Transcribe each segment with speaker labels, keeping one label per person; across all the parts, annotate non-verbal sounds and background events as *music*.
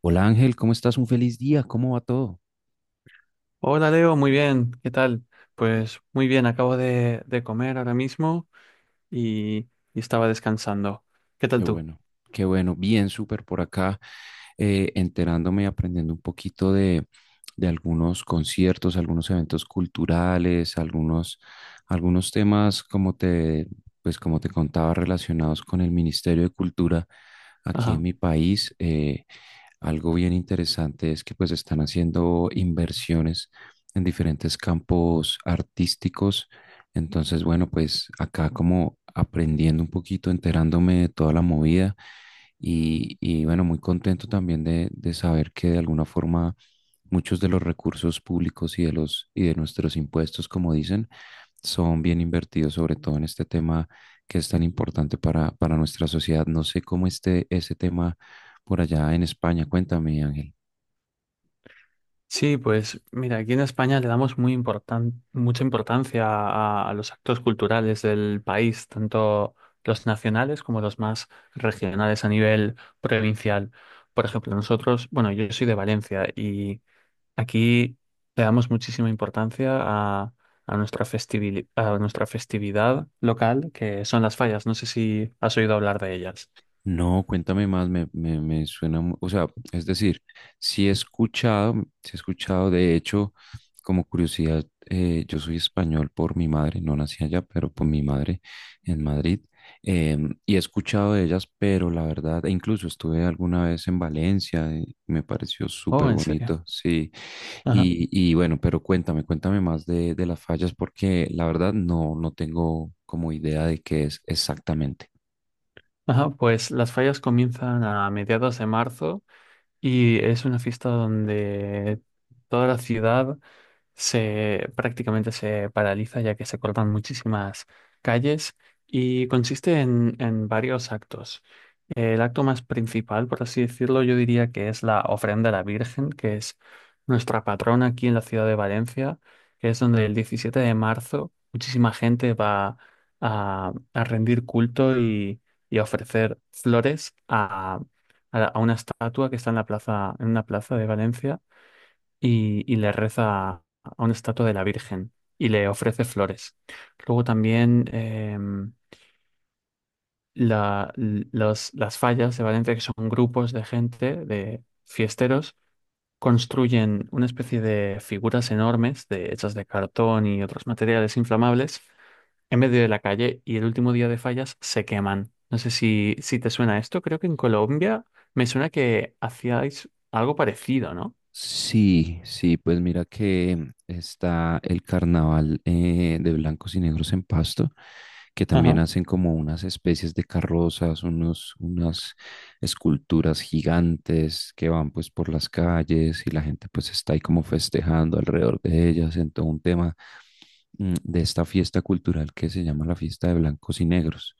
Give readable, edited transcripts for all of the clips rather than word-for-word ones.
Speaker 1: Hola Ángel, ¿cómo estás? Un feliz día, ¿cómo va todo?
Speaker 2: Hola Leo, muy bien, ¿qué tal? Pues muy bien, acabo de comer ahora mismo y estaba descansando. ¿Qué tal
Speaker 1: Qué
Speaker 2: tú?
Speaker 1: bueno, qué bueno, bien, súper por acá, enterándome y aprendiendo un poquito de algunos conciertos, algunos eventos culturales, algunos temas, pues como te contaba, relacionados con el Ministerio de Cultura aquí en
Speaker 2: Ajá.
Speaker 1: mi país. Algo bien interesante es que pues están haciendo inversiones en diferentes campos artísticos. Entonces, bueno, pues acá como aprendiendo un poquito, enterándome de toda la movida y bueno, muy contento también de saber que de alguna forma muchos de los recursos públicos y de los y de nuestros impuestos, como dicen, son bien invertidos, sobre todo en este tema que es tan importante para nuestra sociedad. No sé cómo esté ese tema por allá en España. Cuéntame, Ángel.
Speaker 2: Sí, pues mira, aquí en España le damos mucha importancia a los actos culturales del país, tanto los nacionales como los más regionales a nivel provincial. Por ejemplo, nosotros, bueno, yo soy de Valencia. Aquí le damos muchísima importancia a nuestra a nuestra festividad local, que son las fallas. ¿No sé si has oído hablar de ellas?
Speaker 1: No, cuéntame más, me suena, o sea, es decir, sí he escuchado, sí he escuchado, de hecho, como curiosidad, yo soy español por mi madre, no nací allá, pero por mi madre en Madrid, y he escuchado de ellas, pero la verdad, e incluso estuve alguna vez en Valencia, y me pareció
Speaker 2: Oh,
Speaker 1: súper
Speaker 2: ¿en serio?
Speaker 1: bonito, sí,
Speaker 2: Ajá.
Speaker 1: y bueno, pero cuéntame, cuéntame más de las fallas, porque la verdad no, no tengo como idea de qué es exactamente.
Speaker 2: Ajá, pues las fallas comienzan a mediados de marzo y es una fiesta donde toda la ciudad se prácticamente se paraliza, ya que se cortan muchísimas calles y consiste en varios actos. El acto más principal, por así decirlo, yo diría que es la ofrenda a la Virgen, que es nuestra patrona aquí en la ciudad de Valencia, que es donde el 17 de marzo muchísima gente va a rendir culto y a ofrecer flores a, a una estatua que está en la plaza, en una plaza de Valencia y le reza a una estatua de la Virgen y le ofrece flores. Luego también las fallas de Valencia, que son grupos de gente, de fiesteros, construyen una especie de figuras enormes de, hechas de cartón y otros materiales inflamables en medio de la calle, y el último día de fallas se queman. No sé si, si te suena esto, creo que en Colombia me suena que hacíais algo parecido, ¿no?
Speaker 1: Sí, sí, pues mira que está el carnaval de blancos y negros en Pasto, que también
Speaker 2: Ajá,
Speaker 1: hacen como unas especies de carrozas, unas esculturas gigantes que van pues por las calles y la gente pues está ahí como festejando alrededor de ellas en todo un tema de esta fiesta cultural que se llama la fiesta de blancos y negros.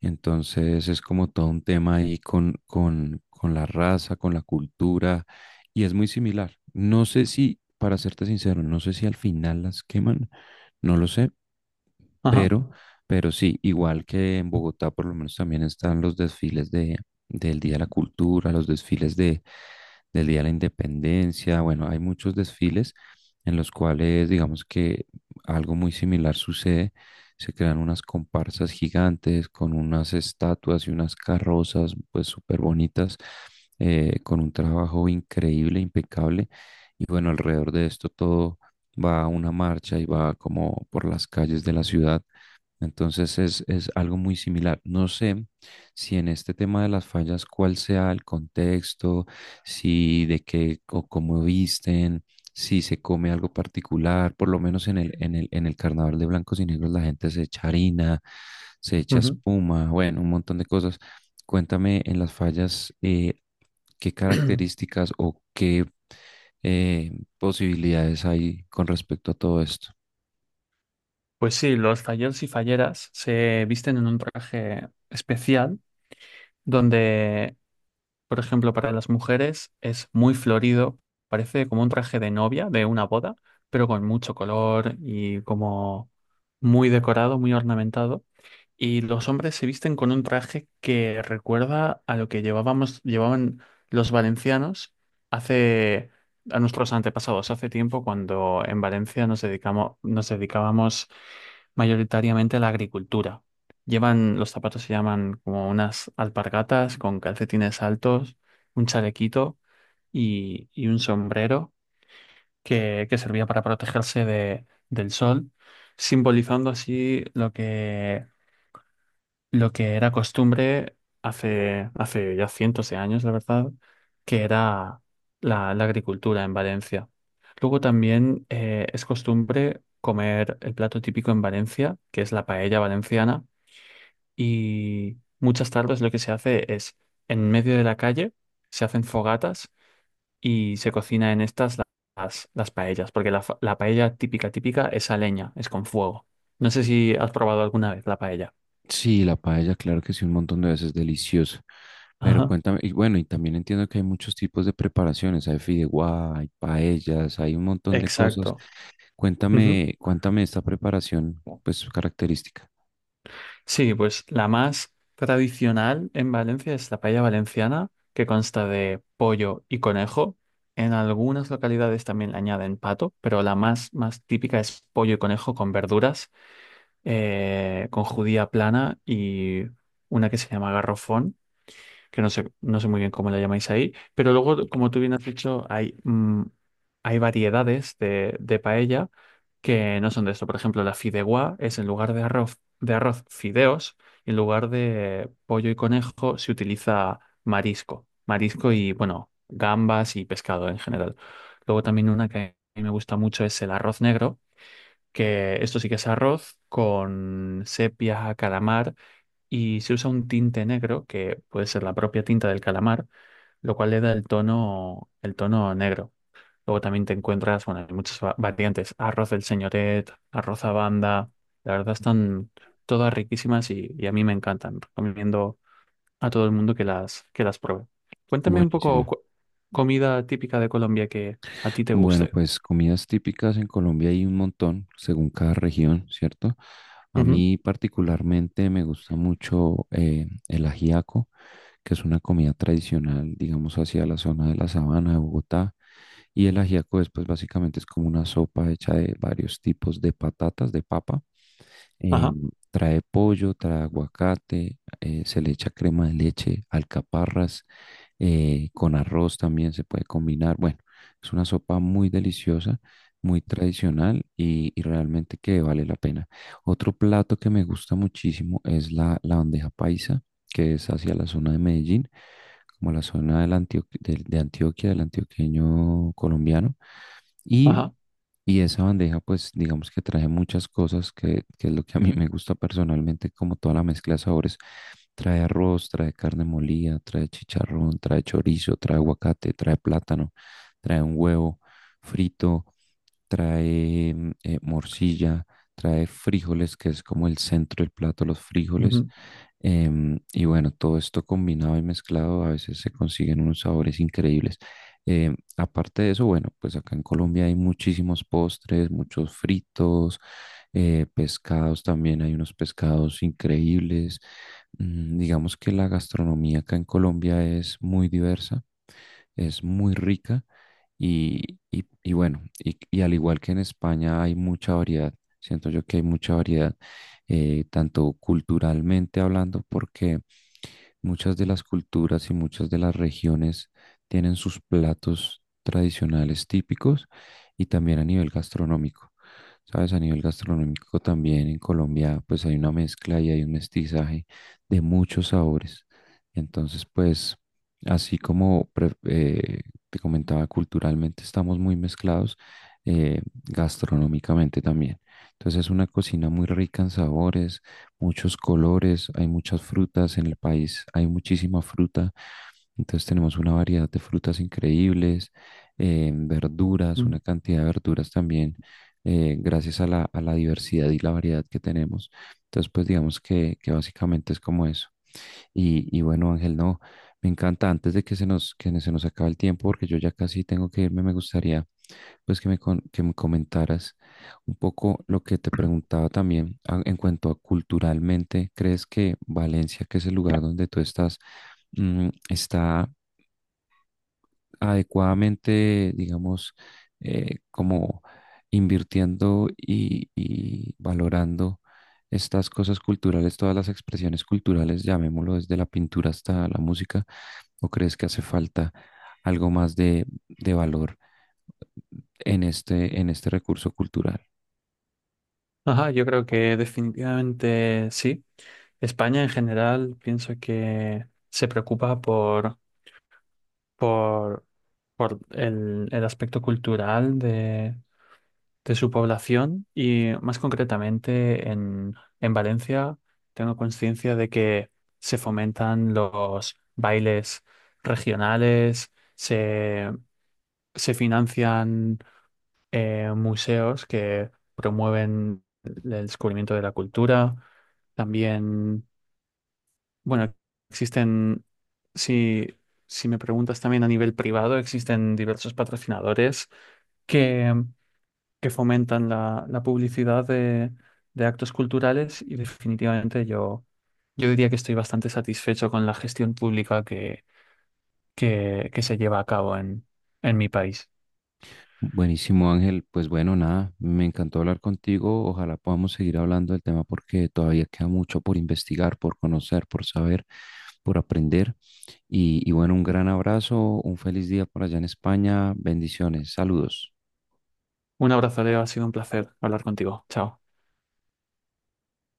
Speaker 1: Entonces es como todo un tema ahí con la raza, con la cultura, y es muy similar. No sé si, para serte sincero, no sé si al final las queman, no lo sé,
Speaker 2: ajá.
Speaker 1: pero, pero sí, igual que en Bogotá, por lo menos también están los desfiles del Día de la Cultura, los desfiles del Día de la Independencia. Bueno, hay muchos desfiles en los cuales, digamos que algo muy similar sucede. Se crean unas comparsas gigantes con unas estatuas y unas carrozas, pues súper bonitas, con un trabajo increíble, impecable. Y bueno, alrededor de esto todo va a una marcha y va como por las calles de la ciudad entonces es algo muy similar. No sé si en este tema de las fallas, cuál sea el contexto, si de qué o cómo visten, si se come algo particular, por lo menos en el carnaval de blancos y negros la gente se echa harina, se echa
Speaker 2: Ujú.
Speaker 1: espuma, bueno, un montón de cosas. Cuéntame en las fallas qué
Speaker 2: *clears throat*
Speaker 1: características o qué eh, posibilidades hay con respecto a todo esto.
Speaker 2: Pues sí, los falleros y falleras se visten en un traje especial donde, por ejemplo, para las mujeres es muy florido, parece como un traje de novia de una boda, pero con mucho color y como muy decorado, muy ornamentado. Y los hombres se visten con un traje que recuerda a lo que llevaban los valencianos hace, a nuestros antepasados, hace tiempo, cuando en Valencia nos dedicábamos mayoritariamente la agricultura. Llevan, los zapatos se llaman como unas alpargatas con calcetines altos, un chalequito y un sombrero que servía para protegerse del sol, simbolizando así lo que era costumbre hace, hace ya cientos de años, la verdad, que era la, la agricultura en Valencia. Luego también es costumbre comer el plato típico en Valencia, que es la paella valenciana, y muchas tardes lo que se hace es, en medio de la calle, se hacen fogatas y se cocina en las paellas, porque la, la paella típica, típica es a leña, es con fuego. No sé si has probado alguna vez la paella.
Speaker 1: Sí, la paella, claro que sí, un montón de veces deliciosa. Pero
Speaker 2: Ajá.
Speaker 1: cuéntame, y bueno, y también entiendo que hay muchos tipos de preparaciones, hay fideuá, hay paellas, hay un montón de cosas.
Speaker 2: Exacto. Ujú.
Speaker 1: Cuéntame, cuéntame esta preparación,
Speaker 2: ¿No?
Speaker 1: pues su característica.
Speaker 2: Sí, pues la más tradicional en Valencia es la paella valenciana, que consta de pollo y conejo. En algunas localidades también le añaden pato, pero la más, más típica es pollo y conejo con verduras, con judía plana y una que se llama garrofón, que no sé, no sé muy bien cómo la llamáis ahí. Pero luego, como tú bien has dicho, hay, hay variedades de paella que no son de esto. Por ejemplo, la fideuá es en lugar de arroz fideos, y en lugar de pollo y conejo se utiliza marisco, marisco y, bueno, gambas y pescado en general. Luego también una que a mí me gusta mucho es el arroz negro, que esto sí que es arroz con sepia, calamar, y se usa un tinte negro que puede ser la propia tinta del calamar, lo cual le da el tono negro. Luego también te encuentras, bueno, hay muchas variantes, arroz del señoret, arroz a banda, la verdad están todas riquísimas y a mí me encantan. Recomiendo a todo el mundo que las pruebe. Cuéntame un poco
Speaker 1: Buenísimo.
Speaker 2: comida típica de Colombia que a ti te
Speaker 1: Bueno,
Speaker 2: guste.
Speaker 1: pues comidas típicas en Colombia hay un montón, según cada región, ¿cierto? A
Speaker 2: Ujú.
Speaker 1: mí particularmente me gusta mucho el ajiaco, que es una comida tradicional, digamos, hacia la zona de la sabana de Bogotá. Y el ajiaco es, pues, básicamente es como una sopa hecha de varios tipos de patatas, de papa. Eh,
Speaker 2: Ajá,
Speaker 1: trae pollo, trae aguacate, se le echa crema de leche, alcaparras con arroz también se puede combinar. Bueno, es una sopa muy deliciosa, muy tradicional y realmente que vale la pena. Otro plato que me gusta muchísimo es la bandeja paisa, que es hacia la zona de Medellín, como la zona de Antioquia, del antioqueño colombiano. Y
Speaker 2: ajá,
Speaker 1: y esa bandeja, pues digamos que trae muchas cosas, que es lo que a mí me gusta personalmente, como toda la mezcla de sabores. Trae arroz, trae carne molida, trae chicharrón, trae chorizo, trae aguacate, trae plátano, trae un huevo frito, trae morcilla, trae frijoles, que es como el centro del plato, los frijoles.
Speaker 2: ujú,
Speaker 1: Y bueno, todo esto combinado y mezclado, a veces se consiguen unos sabores increíbles. Aparte de eso, bueno, pues acá en Colombia hay muchísimos postres, muchos fritos, pescados también, hay unos pescados increíbles. Mm, digamos que la gastronomía acá en Colombia es muy diversa, es muy rica y, y bueno, y al igual que en España hay mucha variedad, siento yo que hay mucha variedad, tanto culturalmente hablando, porque muchas de las culturas y muchas de las regiones tienen sus platos tradicionales típicos y también a nivel gastronómico. Sabes, a nivel gastronómico también en Colombia pues hay una mezcla y hay un mestizaje de muchos sabores. Entonces pues así como te comentaba culturalmente estamos muy mezclados, gastronómicamente también. Entonces es una cocina muy rica en sabores, muchos colores, hay muchas frutas en el país, hay muchísima fruta, entonces tenemos una variedad de frutas increíbles, verduras,
Speaker 2: ujú.
Speaker 1: una cantidad de verduras también, gracias a a la diversidad y la variedad que tenemos. Entonces, pues digamos que básicamente es como eso. Y bueno, Ángel, no, me encanta, antes de que que se nos acabe el tiempo, porque yo ya casi tengo que irme, me gustaría pues que me, que me comentaras un poco lo que te preguntaba también en cuanto a culturalmente, ¿crees que Valencia, que es el lugar donde tú estás, mm, está adecuadamente, digamos, como invirtiendo y valorando estas cosas culturales, todas las expresiones culturales, llamémoslo desde la pintura hasta la música, o crees que hace falta algo más de valor en este recurso cultural?
Speaker 2: Ajá, yo creo que definitivamente sí. España en general pienso que se preocupa por, por el aspecto cultural de su población, y más concretamente en Valencia tengo conciencia de que se fomentan los bailes regionales, se financian museos que promueven el descubrimiento de la cultura. También bueno, existen, si, si me preguntas también a nivel privado, existen diversos patrocinadores que, que fomentan la, la publicidad de actos culturales, y definitivamente yo, yo diría que estoy bastante satisfecho con la gestión pública que se lleva a cabo en mi país.
Speaker 1: Buenísimo, Ángel. Pues bueno, nada, me encantó hablar contigo. Ojalá podamos seguir hablando. Y bueno, un gran abrazo, un feliz día por allá en España, bendiciones, saludos.
Speaker 2: Un abrazo, Leo, ha sido un placer hablar contigo. Chao.